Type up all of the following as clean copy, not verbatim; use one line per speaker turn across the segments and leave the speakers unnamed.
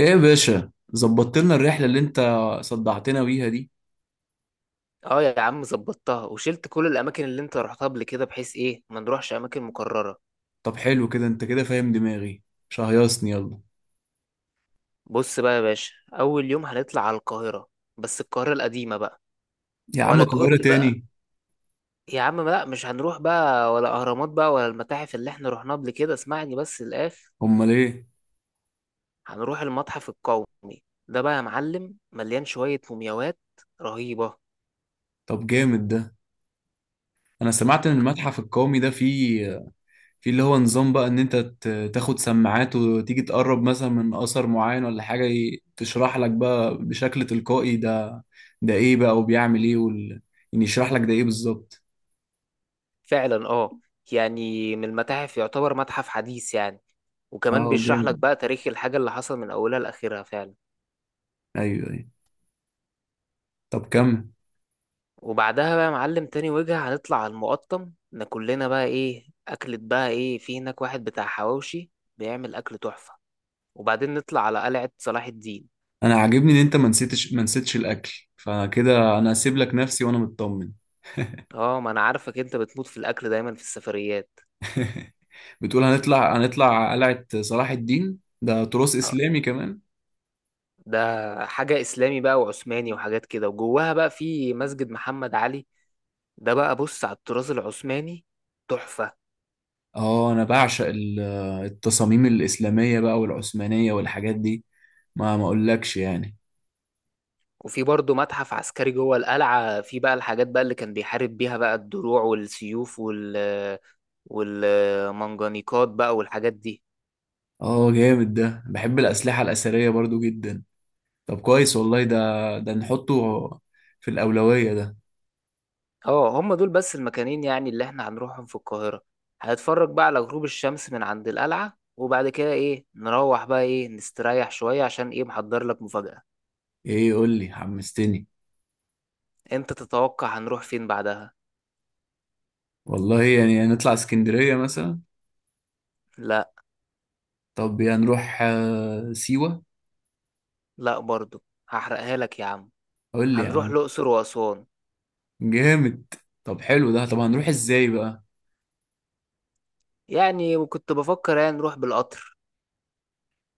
ايه يا باشا، ظبطت لنا الرحلة اللي انت صدعتنا بيها دي؟
اه يا عم ظبطتها وشلت كل الاماكن اللي انت رحتها قبل كده، بحيث ايه ما نروحش اماكن مكرره.
طب حلو كده، انت كده فاهم دماغي. شهيصني يلا.
بص بقى يا باشا، اول يوم هنطلع على القاهره، بس القاهره القديمه بقى.
يا عم،
ولا تقول
القاهرة
لي بقى،
تاني؟
يا عم لا مش هنروح بقى ولا اهرامات بقى ولا المتاحف اللي احنا رحناها قبل كده، اسمعني بس الاخر.
امال ايه؟
هنروح المتحف القومي، ده بقى يا معلم مليان شويه مومياوات رهيبه.
طب جامد ده. انا سمعت ان المتحف القومي ده فيه اللي هو نظام بقى ان انت تاخد سماعات وتيجي تقرب مثلا من اثر معين ولا حاجة تشرح لك بقى بشكل تلقائي ده ايه بقى وبيعمل ايه يعني يشرح لك ده ايه بالظبط؟
فعلا اه، يعني من المتاحف يعتبر متحف حديث يعني، وكمان
اه
بيشرح
جامد.
لك بقى تاريخ الحاجه اللي حصل من اولها لاخرها فعلا.
ايوه، ايوه. طب كمل.
وبعدها بقى يا معلم، تاني وجهة هنطلع على المقطم، ناكلنا بقى ايه أكلة بقى، ايه في هناك واحد بتاع حواوشي بيعمل أكل تحفة، وبعدين نطلع على قلعة صلاح الدين.
انا عاجبني ان انت ما نسيتش الاكل، فكده انا هسيب لك نفسي وانا مطمن.
اه ما انا عارفك، انت بتموت في الأكل دايما في السفريات.
بتقول هنطلع قلعة صلاح الدين، ده تراث
اه
اسلامي كمان؟
ده حاجة إسلامي بقى وعثماني وحاجات كده، وجواها بقى في مسجد محمد علي، ده بقى بص على الطراز العثماني تحفة.
اه، انا بعشق التصاميم الاسلامية بقى والعثمانية والحاجات دي. ما اقولكش يعني.
وفي برضه متحف عسكري جوه القلعة، في بقى الحاجات بقى اللي كان بيحارب بيها بقى، الدروع والسيوف والمنجنيقات بقى والحاجات دي.
اه جامد ده، بحب الاسلحة الاثرية برضو جدا. طب كويس والله ده نحطه في الاولوية ده.
اه هم دول بس المكانين يعني اللي احنا هنروحهم في القاهرة، هنتفرج بقى على غروب الشمس من عند القلعة، وبعد كده ايه نروح بقى ايه نستريح شوية، عشان ايه محضر لك مفاجأة.
ايه؟ يقول لي، حمستني.
انت تتوقع هنروح فين بعدها؟
والله يعني نطلع اسكندرية مثلا؟
لا
طب يعني نروح سيوة؟
لا برضو. هحرقها لك يا عم،
قول لي يا
هنروح
عم.
الأقصر وأسوان.
جامد. طب حلو ده. طب هنروح ازاي بقى؟
يعني وكنت بفكر يعني نروح بالقطر.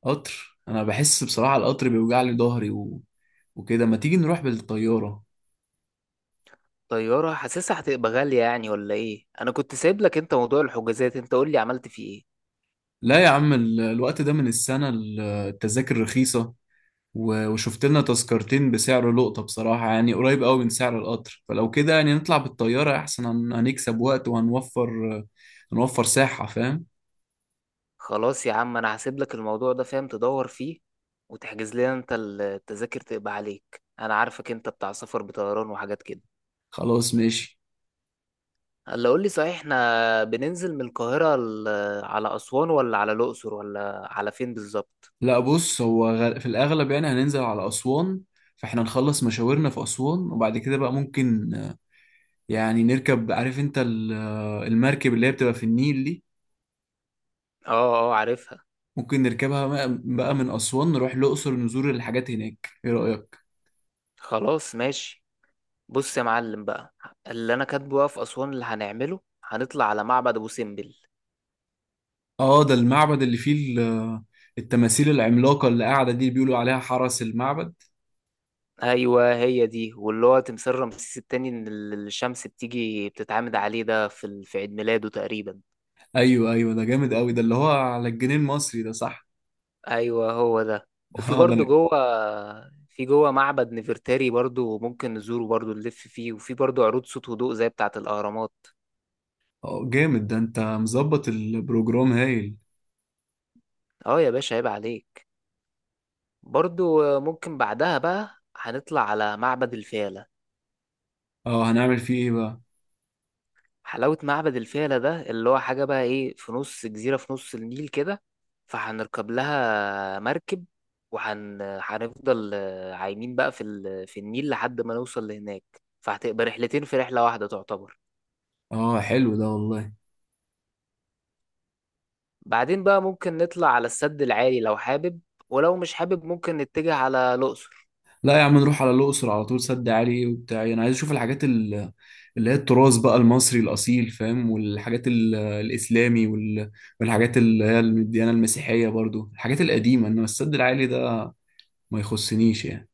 قطر؟ انا بحس بصراحة القطر بيوجع لي ظهري وكده، ما تيجي نروح بالطيارة؟
طيارة حاسسها هتبقى غالية يعني ولا ايه؟ انا كنت سايب لك انت موضوع الحجازات، انت قول لي عملت فيه ايه.
لا يا عم، الوقت ده من السنة، التذاكر رخيصة. وشفت لنا تذكرتين بسعر لقطة بصراحة، يعني قريب قوي من سعر القطر، فلو كده يعني نطلع بالطيارة احسن. هنكسب وقت وهنوفر. هنوفر ساحة، فاهم؟
خلاص يا عم انا هسيب لك الموضوع ده، فاهم تدور فيه وتحجز لنا انت التذاكر، تبقى عليك، انا عارفك انت بتاع سفر بطيران وحاجات كده.
خلاص ماشي.
هلا قول لي صحيح، احنا بننزل من القاهرة على اسوان ولا على الاقصر ولا على فين بالظبط؟
لا بص، هو في الأغلب يعني هننزل على أسوان. فاحنا نخلص مشاورنا في أسوان، وبعد كده بقى ممكن يعني نركب، عارف انت المركب اللي هي بتبقى في النيل دي.
اه اه عارفها.
ممكن نركبها بقى من أسوان، نروح الأقصر نزور الحاجات هناك، ايه رأيك؟
خلاص ماشي. بص يا معلم بقى، اللي انا كاتبه بقى في اسوان اللي هنعمله، هنطلع على معبد ابو سمبل.
اه، ده المعبد اللي فيه ال- التماثيل العملاقة اللي قاعدة دي، بيقولوا عليها حرس المعبد.
ايوه هي دي، واللي هو تمثال رمسيس التاني، ان الشمس بتيجي بتتعامد عليه، ده في في عيد ميلاده تقريبا.
ايوه، ايوه، ده جامد قوي. ده اللي هو على الجنيه المصري ده، صح؟
ايوه هو ده. وفي
اه، ده
برضه في جوه معبد نفرتاري برضه ممكن نزوره برضه، نلف فيه، وفي برضه عروض صوت وضوء زي بتاعة الأهرامات.
اه جامد ده، انت مظبط البروجرام هايل.
اه يا باشا عيب عليك. برضه ممكن بعدها بقى هنطلع على معبد الفيلة.
اه، هنعمل فيه ايه بقى؟
حلاوة معبد الفيلة ده، اللي هو حاجة بقى ايه في نص جزيرة في نص النيل كده، فهنركب لها مركب وهن هنفضل عايمين بقى في النيل لحد ما نوصل لهناك، فهتبقى رحلتين في رحلة واحدة تعتبر.
اه حلو ده والله.
بعدين بقى ممكن نطلع على السد العالي لو حابب، ولو مش حابب ممكن نتجه على الأقصر.
لا يا عم، نروح على الأقصر على طول. سد عالي وبتاع، أنا عايز أشوف الحاجات اللي هي التراث بقى المصري الأصيل، فاهم؟ والحاجات الإسلامي والحاجات اللي هي الديانة المسيحية برضو، الحاجات القديمة. إنما السد العالي ده ما يخصنيش يعني.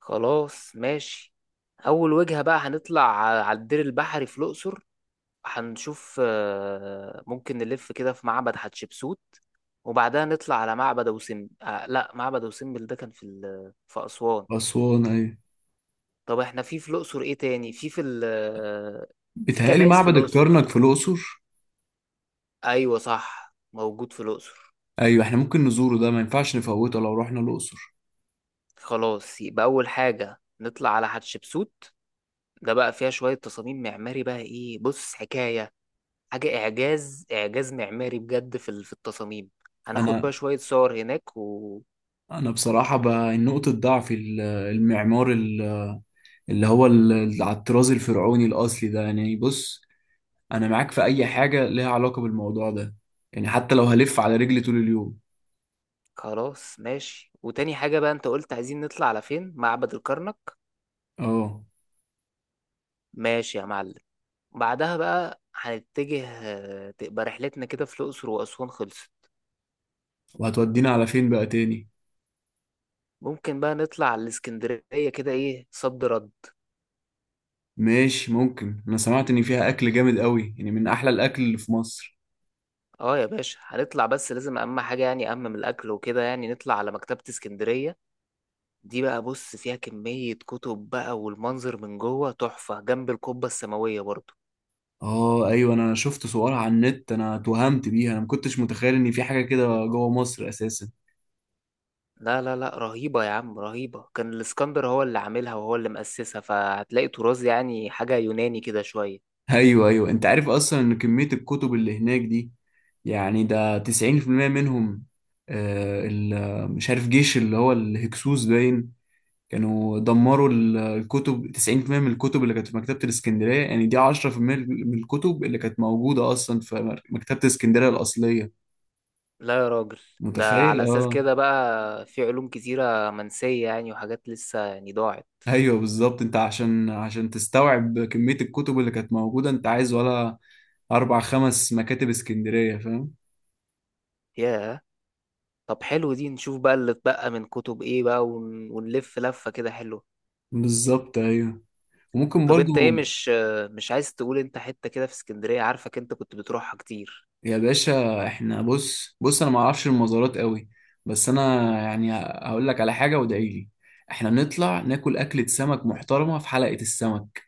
خلاص ماشي. أول وجهة بقى هنطلع على الدير البحري في الأقصر، هنشوف ممكن نلف كده في معبد حتشبسوت، وبعدها نطلع على معبد أبو سمبل، لا، معبد أبو سمبل ده كان في في أسوان.
أسوان، أيوة.
طب احنا في الأقصر ايه تاني في في ال آه، في
بيتهيألي
كنايس في
معبد
الأقصر
الكرنك
صح؟
في الأقصر.
أيوة صح، موجود في الأقصر.
أيوة، إحنا ممكن نزوره ده، ما ينفعش نفوته لو رحنا الأقصر.
خلاص يبقى أول حاجة نطلع على حتشبسوت، ده بقى فيها شوية تصاميم معماري بقى ايه بص حكاية، حاجة إعجاز إعجاز معماري بجد في في التصاميم. هناخد بقى
أنا
شوية صور هناك
أنا بصراحة بقى نقطة ضعف المعمار، اللي هو على الطراز الفرعوني الأصلي ده، يعني بص. انا معاك في اي حاجه ليها علاقه بالموضوع ده. يعني حتى لو هلف على رجلي طول اليوم.
خلاص ماشي. وتاني حاجة بقى انت قلت عايزين نطلع على فين، معبد الكرنك.
اه.
ماشي يا معلم. بعدها بقى هنتجه، تبقى رحلتنا كده في الأقصر وأسوان خلصت.
وهتودينا على فين بقى تاني؟
ممكن بقى نطلع على الإسكندرية كده، ايه صد رد؟
ماشي ممكن. انا سمعت ان فيها اكل جامد قوي، يعني من احلى الاكل اللي في مصر.
اه يا باشا هنطلع، بس لازم أهم حاجة يعني أهم من الأكل وكده، يعني نطلع على مكتبة اسكندرية، دي بقى بص فيها كمية كتب بقى، والمنظر من جوه تحفة، جنب القبة السماوية برضه.
اه ايوه، انا شفت صورها على النت، انا اتوهمت بيها، انا ما كنتش متخيل ان في حاجه كده جوه مصر اساسا.
لا لا لا، رهيبة يا عم رهيبة، كان الاسكندر هو اللي عاملها وهو اللي مؤسسها، فهتلاقي طراز يعني حاجة يوناني كده شوية.
ايوه، ايوه، انت عارف اصلا ان كميه الكتب اللي هناك دي، يعني ده 90% منهم. مش عارف، جيش اللي هو الهكسوس باين كانوا دمروا الكتب، 90% من الكتب اللي كانت في مكتبة الإسكندرية، يعني دي 10% من الكتب اللي كانت موجودة أصلا في مكتبة الإسكندرية الأصلية.
لا يا راجل، ده على
متخيل؟
أساس
آه.
كده بقى في علوم كتيرة منسية يعني، وحاجات لسه يعني ضاعت.
أيوه بالظبط، أنت عشان تستوعب كمية الكتب اللي كانت موجودة، أنت عايز ولا أربع خمس مكاتب إسكندرية، فاهم؟
ياه. طب حلو دي، نشوف بقى اللي اتبقى من كتب ايه بقى ونلف لفة كده حلوة.
بالظبط، أيوه. وممكن
طب
برضو.
انت ايه، مش عايز تقول انت حتة كده في اسكندرية؟ عارفك انت كنت بتروحها كتير.
يا باشا، احنا بص بص، انا ما اعرفش المزارات قوي. بس انا، يعني هقول لك على حاجه، وادعي لي. احنا نطلع ناكل اكله سمك محترمه في حلقه السمك.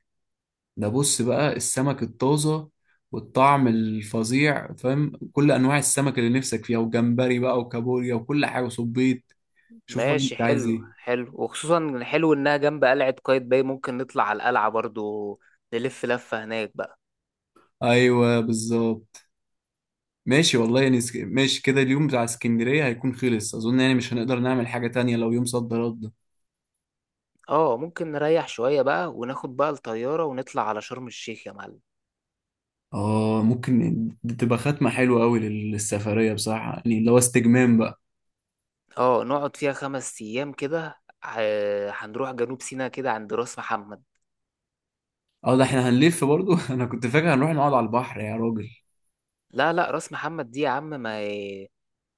ده بص بقى، السمك الطازه والطعم الفظيع، فاهم، كل انواع السمك اللي نفسك فيها، وجمبري بقى وكابوريا وكل حاجه وصبيط. شوف بقى
ماشي
انت عايز
حلو
ايه.
حلو، وخصوصا حلو انها جنب قلعة قايتباي، ممكن نطلع على القلعة برضو، نلف لفة هناك بقى.
ايوه بالظبط. ماشي والله، يعني ماشي كده، اليوم بتاع اسكندريه هيكون خلص اظن، يعني مش هنقدر نعمل حاجه تانية لو يوم، صد رد؟
اه ممكن نريح شوية بقى وناخد بقى الطيارة ونطلع على شرم الشيخ يا معلم.
اه ممكن، دي تبقى ختمة حلوة قوي للسفرية بصراحة، يعني اللي هو استجمام بقى.
اه نقعد فيها 5 ايام كده، هنروح جنوب سيناء كده عند راس محمد.
اه، ده احنا هنلف برضو. انا كنت فاكر هنروح نقعد على البحر يا راجل.
لا لا، راس محمد دي يا عم ما هي-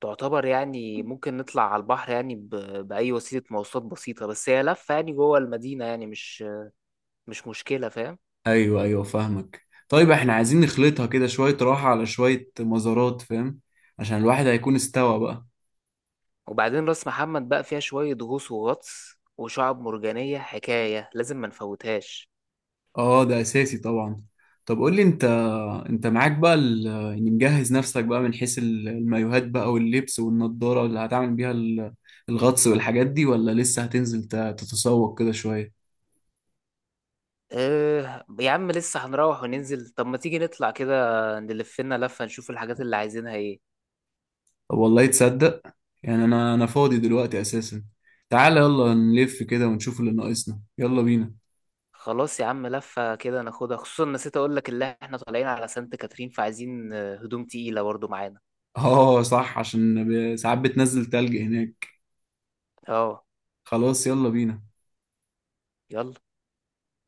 تعتبر يعني ممكن نطلع على البحر يعني بأي وسيلة مواصلات بسيطة، بس هي لفة يعني جوه المدينة يعني مش مشكلة، فاهم.
ايوه، ايوه، فاهمك. طيب احنا عايزين نخلطها كده، شوية راحة على شوية مزارات، فاهم؟ عشان الواحد هيكون استوى بقى.
وبعدين راس محمد بقى فيها شوية غوص وغطس وشعب مرجانية حكاية لازم ما نفوتهاش.
اه، ده اساسي طبعا. طب قول لي انت، انت معاك بقى يعني مجهز نفسك بقى، من حيث المايوهات بقى واللبس والنضارة اللي هتعمل بيها الغطس والحاجات دي، ولا لسه هتنزل تتسوق كده شوية؟
اه يا عم لسه هنروح وننزل، طب ما تيجي نطلع كده نلف لنا لفة نشوف الحاجات اللي عايزينها ايه.
والله تصدق، يعني انا فاضي دلوقتي اساسا. تعالى يلا نلف كده ونشوف اللي ناقصنا، يلا بينا.
خلاص يا عم لفة كده ناخدها، خصوصا نسيت اقول لك اللي احنا طالعين على سانت كاترين، فعايزين هدوم تقيلة برضه معانا.
اه صح، عشان ساعات بتنزل تلج هناك.
اه
خلاص، يلا بينا.
يلا.